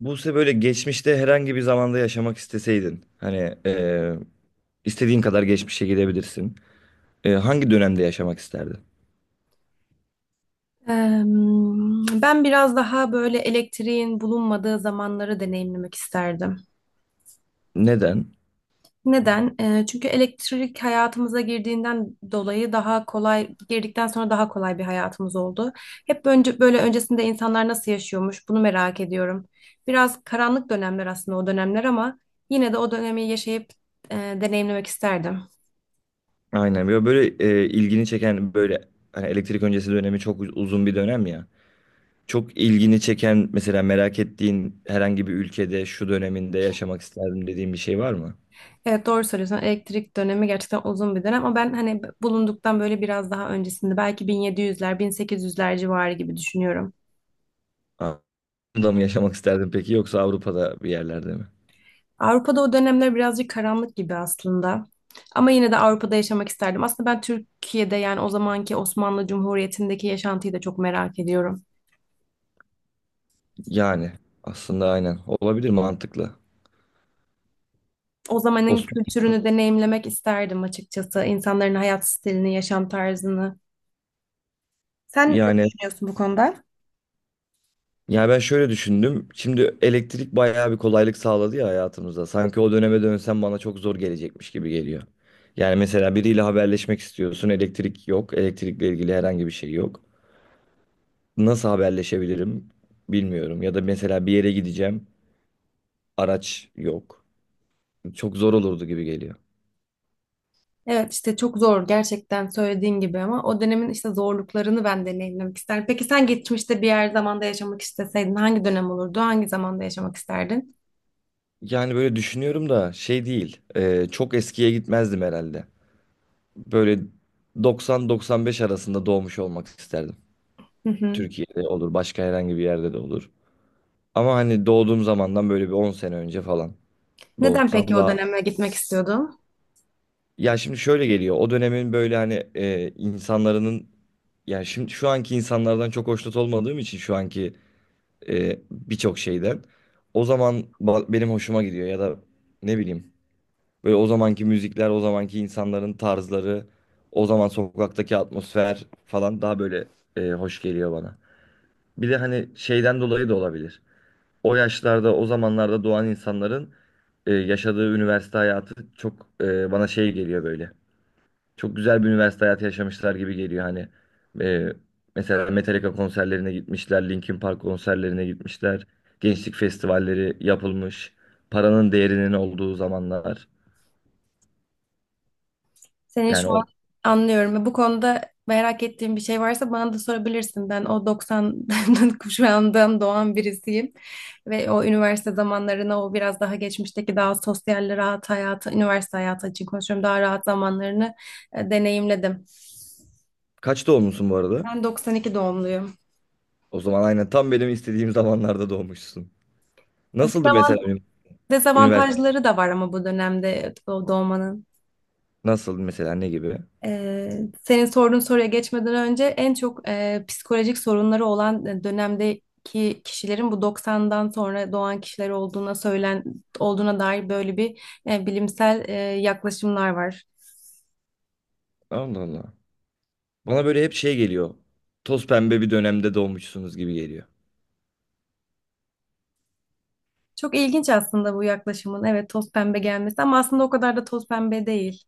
Buse böyle geçmişte herhangi bir zamanda yaşamak isteseydin hani istediğin kadar geçmişe gidebilirsin. Hangi dönemde yaşamak isterdin? Ben biraz daha böyle elektriğin bulunmadığı zamanları deneyimlemek isterdim. Neden? Neden? Çünkü elektrik hayatımıza girdiğinden dolayı daha girdikten sonra daha kolay bir hayatımız oldu. Hep önce Böyle öncesinde insanlar nasıl yaşıyormuş bunu merak ediyorum. Biraz karanlık dönemler aslında o dönemler ama yine de o dönemi yaşayıp deneyimlemek isterdim. Aynen böyle ilgini çeken böyle hani elektrik öncesi dönemi çok uzun bir dönem ya. Çok ilgini çeken mesela merak ettiğin herhangi bir ülkede şu döneminde yaşamak isterdim dediğin bir şey var mı? Evet, doğru söylüyorsun. Elektrik dönemi gerçekten uzun bir dönem ama ben hani bulunduktan böyle biraz daha öncesinde belki 1700'ler, 1800'ler civarı gibi düşünüyorum. Avrupa'da mı yaşamak isterdin peki yoksa Avrupa'da bir yerlerde mi? Avrupa'da o dönemler birazcık karanlık gibi aslında. Ama yine de Avrupa'da yaşamak isterdim. Aslında ben Türkiye'de yani o zamanki Osmanlı Cumhuriyeti'ndeki yaşantıyı da çok merak ediyorum. Yani aslında aynen olabilir, mantıklı. O zamanın Osmanlı, kültürünü deneyimlemek isterdim açıkçası. İnsanların hayat stilini, yaşam tarzını. Sen ne yani. düşünüyorsun bu konuda? Ya ben şöyle düşündüm. Şimdi elektrik bayağı bir kolaylık sağladı ya hayatımıza. Sanki o döneme dönsem bana çok zor gelecekmiş gibi geliyor. Yani mesela biriyle haberleşmek istiyorsun, elektrik yok, elektrikle ilgili herhangi bir şey yok. Nasıl haberleşebilirim, bilmiyorum. Ya da mesela bir yere gideceğim, araç yok. Çok zor olurdu gibi geliyor. Evet işte çok zor gerçekten söylediğin gibi ama o dönemin işte zorluklarını ben deneyimlemek isterim. Peki sen geçmişte bir yer zamanda yaşamak isteseydin hangi dönem olurdu? Hangi zamanda yaşamak isterdin? Yani böyle düşünüyorum da şey değil, çok eskiye gitmezdim herhalde. Böyle 90-95 arasında doğmuş olmak isterdim. Hı hı. Türkiye'de olur, başka herhangi bir yerde de olur. Ama hani doğduğum zamandan böyle bir 10 sene önce falan Neden doğsam peki o daha. döneme gitmek istiyordun? Ya şimdi şöyle geliyor. O dönemin böyle hani insanların, ya şimdi şu anki insanlardan çok hoşnut olmadığım için şu anki birçok şeyden o zaman benim hoşuma gidiyor ya da ne bileyim, böyle o zamanki müzikler, o zamanki insanların tarzları, o zaman sokaktaki atmosfer falan daha böyle hoş geliyor bana. Bir de hani şeyden dolayı da olabilir. O yaşlarda, o zamanlarda doğan insanların yaşadığı üniversite hayatı çok, bana şey geliyor böyle. Çok güzel bir üniversite hayatı yaşamışlar gibi geliyor hani. E, Mesela Metallica konserlerine gitmişler, Linkin Park konserlerine gitmişler. Gençlik festivalleri yapılmış. Paranın değerinin olduğu zamanlar. Seni şu Yani o, an anlıyorum. Bu konuda merak ettiğin bir şey varsa bana da sorabilirsin. Ben o 90 kuşağından doğan birisiyim. Ve o üniversite zamanlarına, o biraz daha geçmişteki daha sosyal, rahat hayatı, üniversite hayatı için konuşuyorum. Daha rahat zamanlarını deneyimledim. kaç doğmuşsun bu arada? Ben 92 doğumluyum. O zaman aynen tam benim istediğim zamanlarda doğmuşsun. Nasıldı mesela benim üniversite? Dezavantajları da var ama bu dönemde doğmanın. Nasıldı mesela, ne gibi? Ee, senin sorduğun soruya geçmeden önce en çok psikolojik sorunları olan dönemdeki kişilerin bu 90'dan sonra doğan kişiler olduğuna dair böyle bir bilimsel yaklaşımlar var. Allah Allah. Bana böyle hep şey geliyor. Toz pembe bir dönemde doğmuşsunuz gibi geliyor. Çok ilginç aslında bu yaklaşımın evet toz pembe gelmesi ama aslında o kadar da toz pembe değil.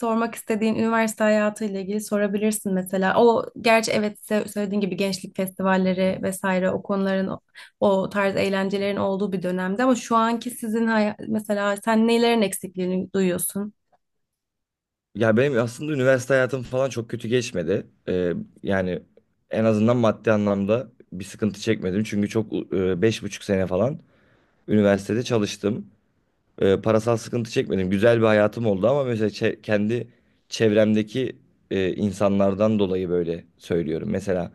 Sormak istediğin üniversite hayatıyla ilgili sorabilirsin mesela. O gerçi evet söylediğin gibi gençlik festivalleri vesaire o konuların o tarz eğlencelerin olduğu bir dönemde ama şu anki sizin mesela sen nelerin eksikliğini duyuyorsun? Ya benim aslında üniversite hayatım falan çok kötü geçmedi. Yani en azından maddi anlamda bir sıkıntı çekmedim. Çünkü çok, 5,5 sene falan üniversitede çalıştım. Parasal sıkıntı çekmedim. Güzel bir hayatım oldu ama mesela kendi çevremdeki insanlardan dolayı böyle söylüyorum. Mesela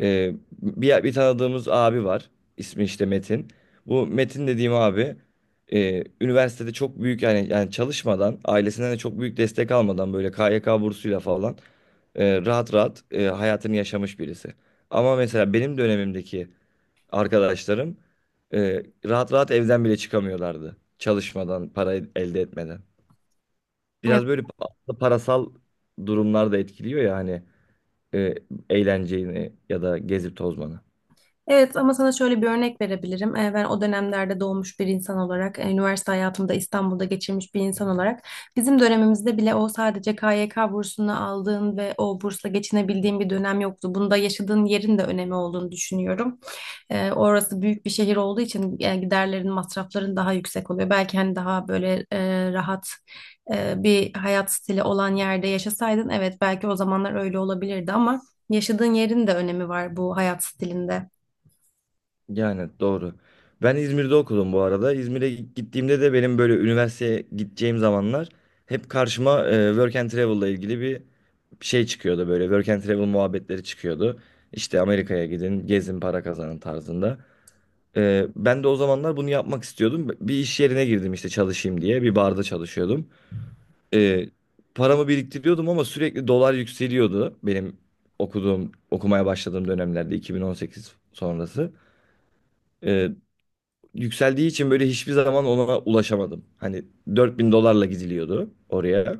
Ee, bir tanıdığımız abi var. İsmi işte Metin. Bu Metin dediğim abi üniversitede çok büyük, yani çalışmadan, ailesinden de çok büyük destek almadan, böyle KYK bursuyla falan rahat rahat hayatını yaşamış birisi. Ama mesela benim dönemimdeki arkadaşlarım rahat rahat evden bile çıkamıyorlardı. Çalışmadan, para elde etmeden. Biraz böyle parasal durumlar da etkiliyor ya hani e, eğlenceyi ya da gezip tozmanı. Evet ama sana şöyle bir örnek verebilirim. Ben o dönemlerde doğmuş bir insan olarak, üniversite hayatımda İstanbul'da geçirmiş bir insan olarak bizim dönemimizde bile o sadece KYK bursunu aldığın ve o bursla geçinebildiğin bir dönem yoktu. Bunda yaşadığın yerin de önemi olduğunu düşünüyorum. Orası büyük bir şehir olduğu için giderlerin, masrafların daha yüksek oluyor. Belki hani daha böyle rahat bir hayat stili olan yerde yaşasaydın evet belki o zamanlar öyle olabilirdi ama yaşadığın yerin de önemi var bu hayat stilinde. Yani doğru. Ben İzmir'de okudum bu arada. İzmir'e gittiğimde de benim böyle üniversiteye gideceğim zamanlar hep karşıma work and travel'la ilgili bir şey çıkıyordu böyle. Work and travel muhabbetleri çıkıyordu. İşte Amerika'ya gidin, gezin, para kazanın tarzında. Ben de o zamanlar bunu yapmak istiyordum. Bir iş yerine girdim işte çalışayım diye. Bir barda çalışıyordum. E, Paramı biriktiriyordum ama sürekli dolar yükseliyordu benim okuduğum, okumaya başladığım dönemlerde, 2018 sonrası. E, Yükseldiği için böyle hiçbir zaman ona ulaşamadım. Hani 4.000 dolarla gidiliyordu oraya.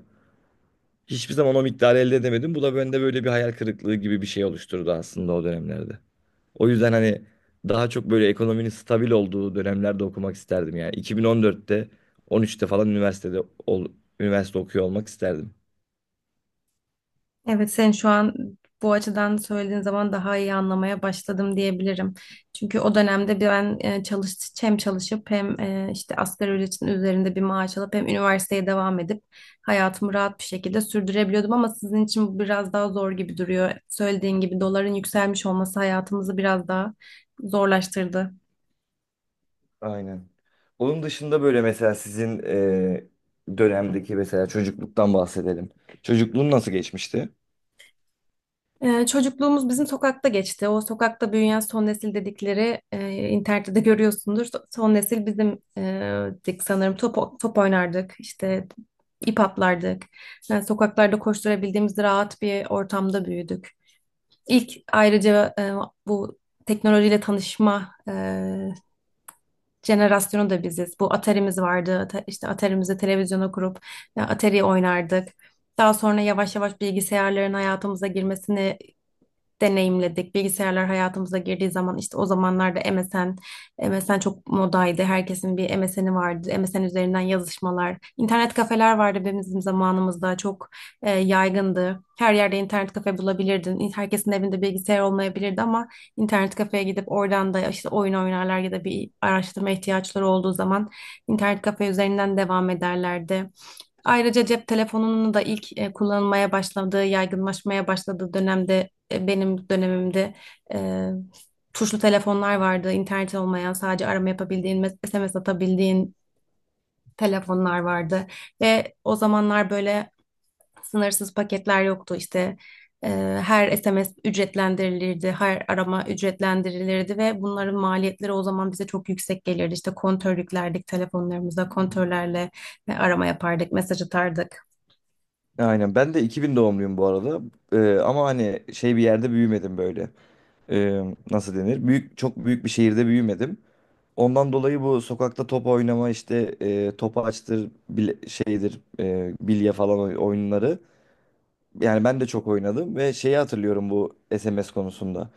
Hiçbir zaman o miktarı elde edemedim. Bu da bende böyle bir hayal kırıklığı gibi bir şey oluşturdu aslında o dönemlerde. O yüzden hani daha çok böyle ekonominin stabil olduğu dönemlerde okumak isterdim yani. 2014'te, 13'te falan üniversitede ol- üniversite okuyor olmak isterdim. Evet, sen şu an bu açıdan söylediğin zaman daha iyi anlamaya başladım diyebilirim. Çünkü o dönemde ben e, çalış hem çalışıp hem işte asgari ücretin üzerinde bir maaş alıp hem üniversiteye devam edip hayatımı rahat bir şekilde sürdürebiliyordum ama sizin için bu biraz daha zor gibi duruyor. Söylediğin gibi doların yükselmiş olması hayatımızı biraz daha zorlaştırdı. Aynen. Onun dışında böyle mesela sizin dönemdeki, mesela çocukluktan bahsedelim. Çocukluğun nasıl geçmişti? Çocukluğumuz bizim sokakta geçti. O sokakta büyüyen son nesil dedikleri internette de görüyorsundur. Son nesil bizim dik sanırım top oynardık, işte ip atlardık. Yani sokaklarda koşturabildiğimiz rahat bir ortamda büyüdük. İlk ayrıca bu teknolojiyle tanışma jenerasyonu da biziz. Bu Atari'miz vardı. İşte Atari'mizi televizyona kurup Atari oynardık. Daha sonra yavaş yavaş bilgisayarların hayatımıza girmesini deneyimledik. Bilgisayarlar hayatımıza girdiği zaman işte o zamanlarda MSN çok modaydı. Herkesin bir MSN'i vardı. MSN üzerinden yazışmalar. İnternet kafeler vardı bizim zamanımızda. Çok yaygındı. Her yerde internet kafe bulabilirdin. Herkesin evinde bilgisayar olmayabilirdi ama internet kafeye gidip oradan da işte oyun oynarlar ya da bir araştırma ihtiyaçları olduğu zaman internet kafe üzerinden devam ederlerdi. Ayrıca cep telefonunun da ilk kullanılmaya başladığı, yaygınlaşmaya başladığı dönemde benim dönemimde e, tuşlu telefonlar vardı. İnternet olmayan, sadece arama yapabildiğin, SMS atabildiğin telefonlar vardı. Ve o zamanlar böyle sınırsız paketler yoktu işte. Ee, her SMS ücretlendirilirdi, her arama ücretlendirilirdi ve bunların maliyetleri o zaman bize çok yüksek gelirdi. İşte kontör yüklerdik telefonlarımıza, kontörlerle arama yapardık, mesaj atardık. Aynen. Ben de 2000 doğumluyum bu arada. Ama hani şey bir yerde büyümedim böyle. Ee, Nasıl denir? Büyük, çok büyük bir şehirde büyümedim. Ondan dolayı bu sokakta top oynama, işte topaçtır bile, şeydir bilye falan oyunları, yani ben de çok oynadım. Ve şeyi hatırlıyorum bu SMS konusunda.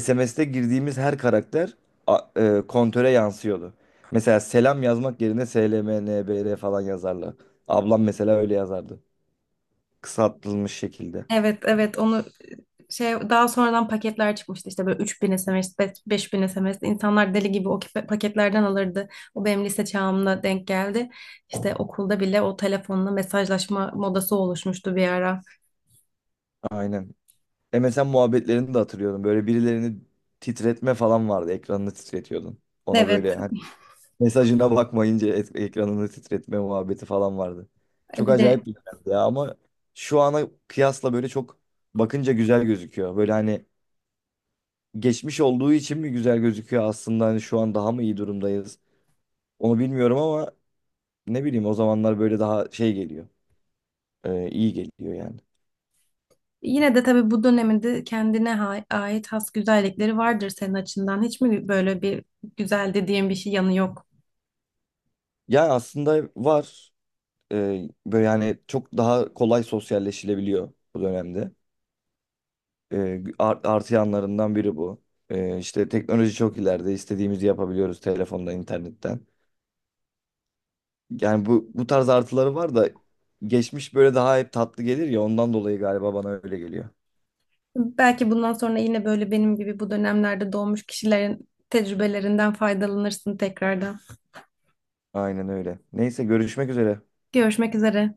SMS'te girdiğimiz her karakter kontöre yansıyordu. Mesela selam yazmak yerine SLMNBR falan yazarlar. Ablam mesela öyle yazardı. Kısaltılmış şekilde. Evet, onu şey daha sonradan paketler çıkmıştı işte böyle 3000 SMS, 5000 SMS insanlar deli gibi o paketlerden alırdı. O benim lise çağımda denk geldi. İşte okulda bile o telefonla mesajlaşma modası oluşmuştu bir ara. Aynen. MSN muhabbetlerini de hatırlıyorum. Böyle birilerini titretme falan vardı. Ekranını titretiyordun. Ona Evet, böyle hani, mesajına bakmayınca ekranını titretme muhabbeti falan vardı. Çok bir de acayip bir dönemdi ya ama şu ana kıyasla böyle çok, bakınca güzel gözüküyor. Böyle hani geçmiş olduğu için mi güzel gözüküyor, aslında hani şu an daha mı iyi durumdayız? Onu bilmiyorum ama ne bileyim, o zamanlar böyle daha şey geliyor. İyi geliyor yani. yine de tabii bu döneminde kendine ait has güzellikleri vardır senin açından. Hiç mi böyle bir güzel dediğin bir şey yanı yok? Ya aslında var. Böyle yani çok daha kolay sosyalleşilebiliyor bu dönemde. Artı yanlarından biri bu. İşte teknoloji çok ileride. İstediğimizi yapabiliyoruz telefonda, internetten. Yani bu tarz artıları var da geçmiş böyle daha hep tatlı gelir ya, ondan dolayı galiba bana öyle geliyor. Belki bundan sonra yine böyle benim gibi bu dönemlerde doğmuş kişilerin tecrübelerinden faydalanırsın tekrardan. Aynen öyle. Neyse, görüşmek üzere. Görüşmek üzere.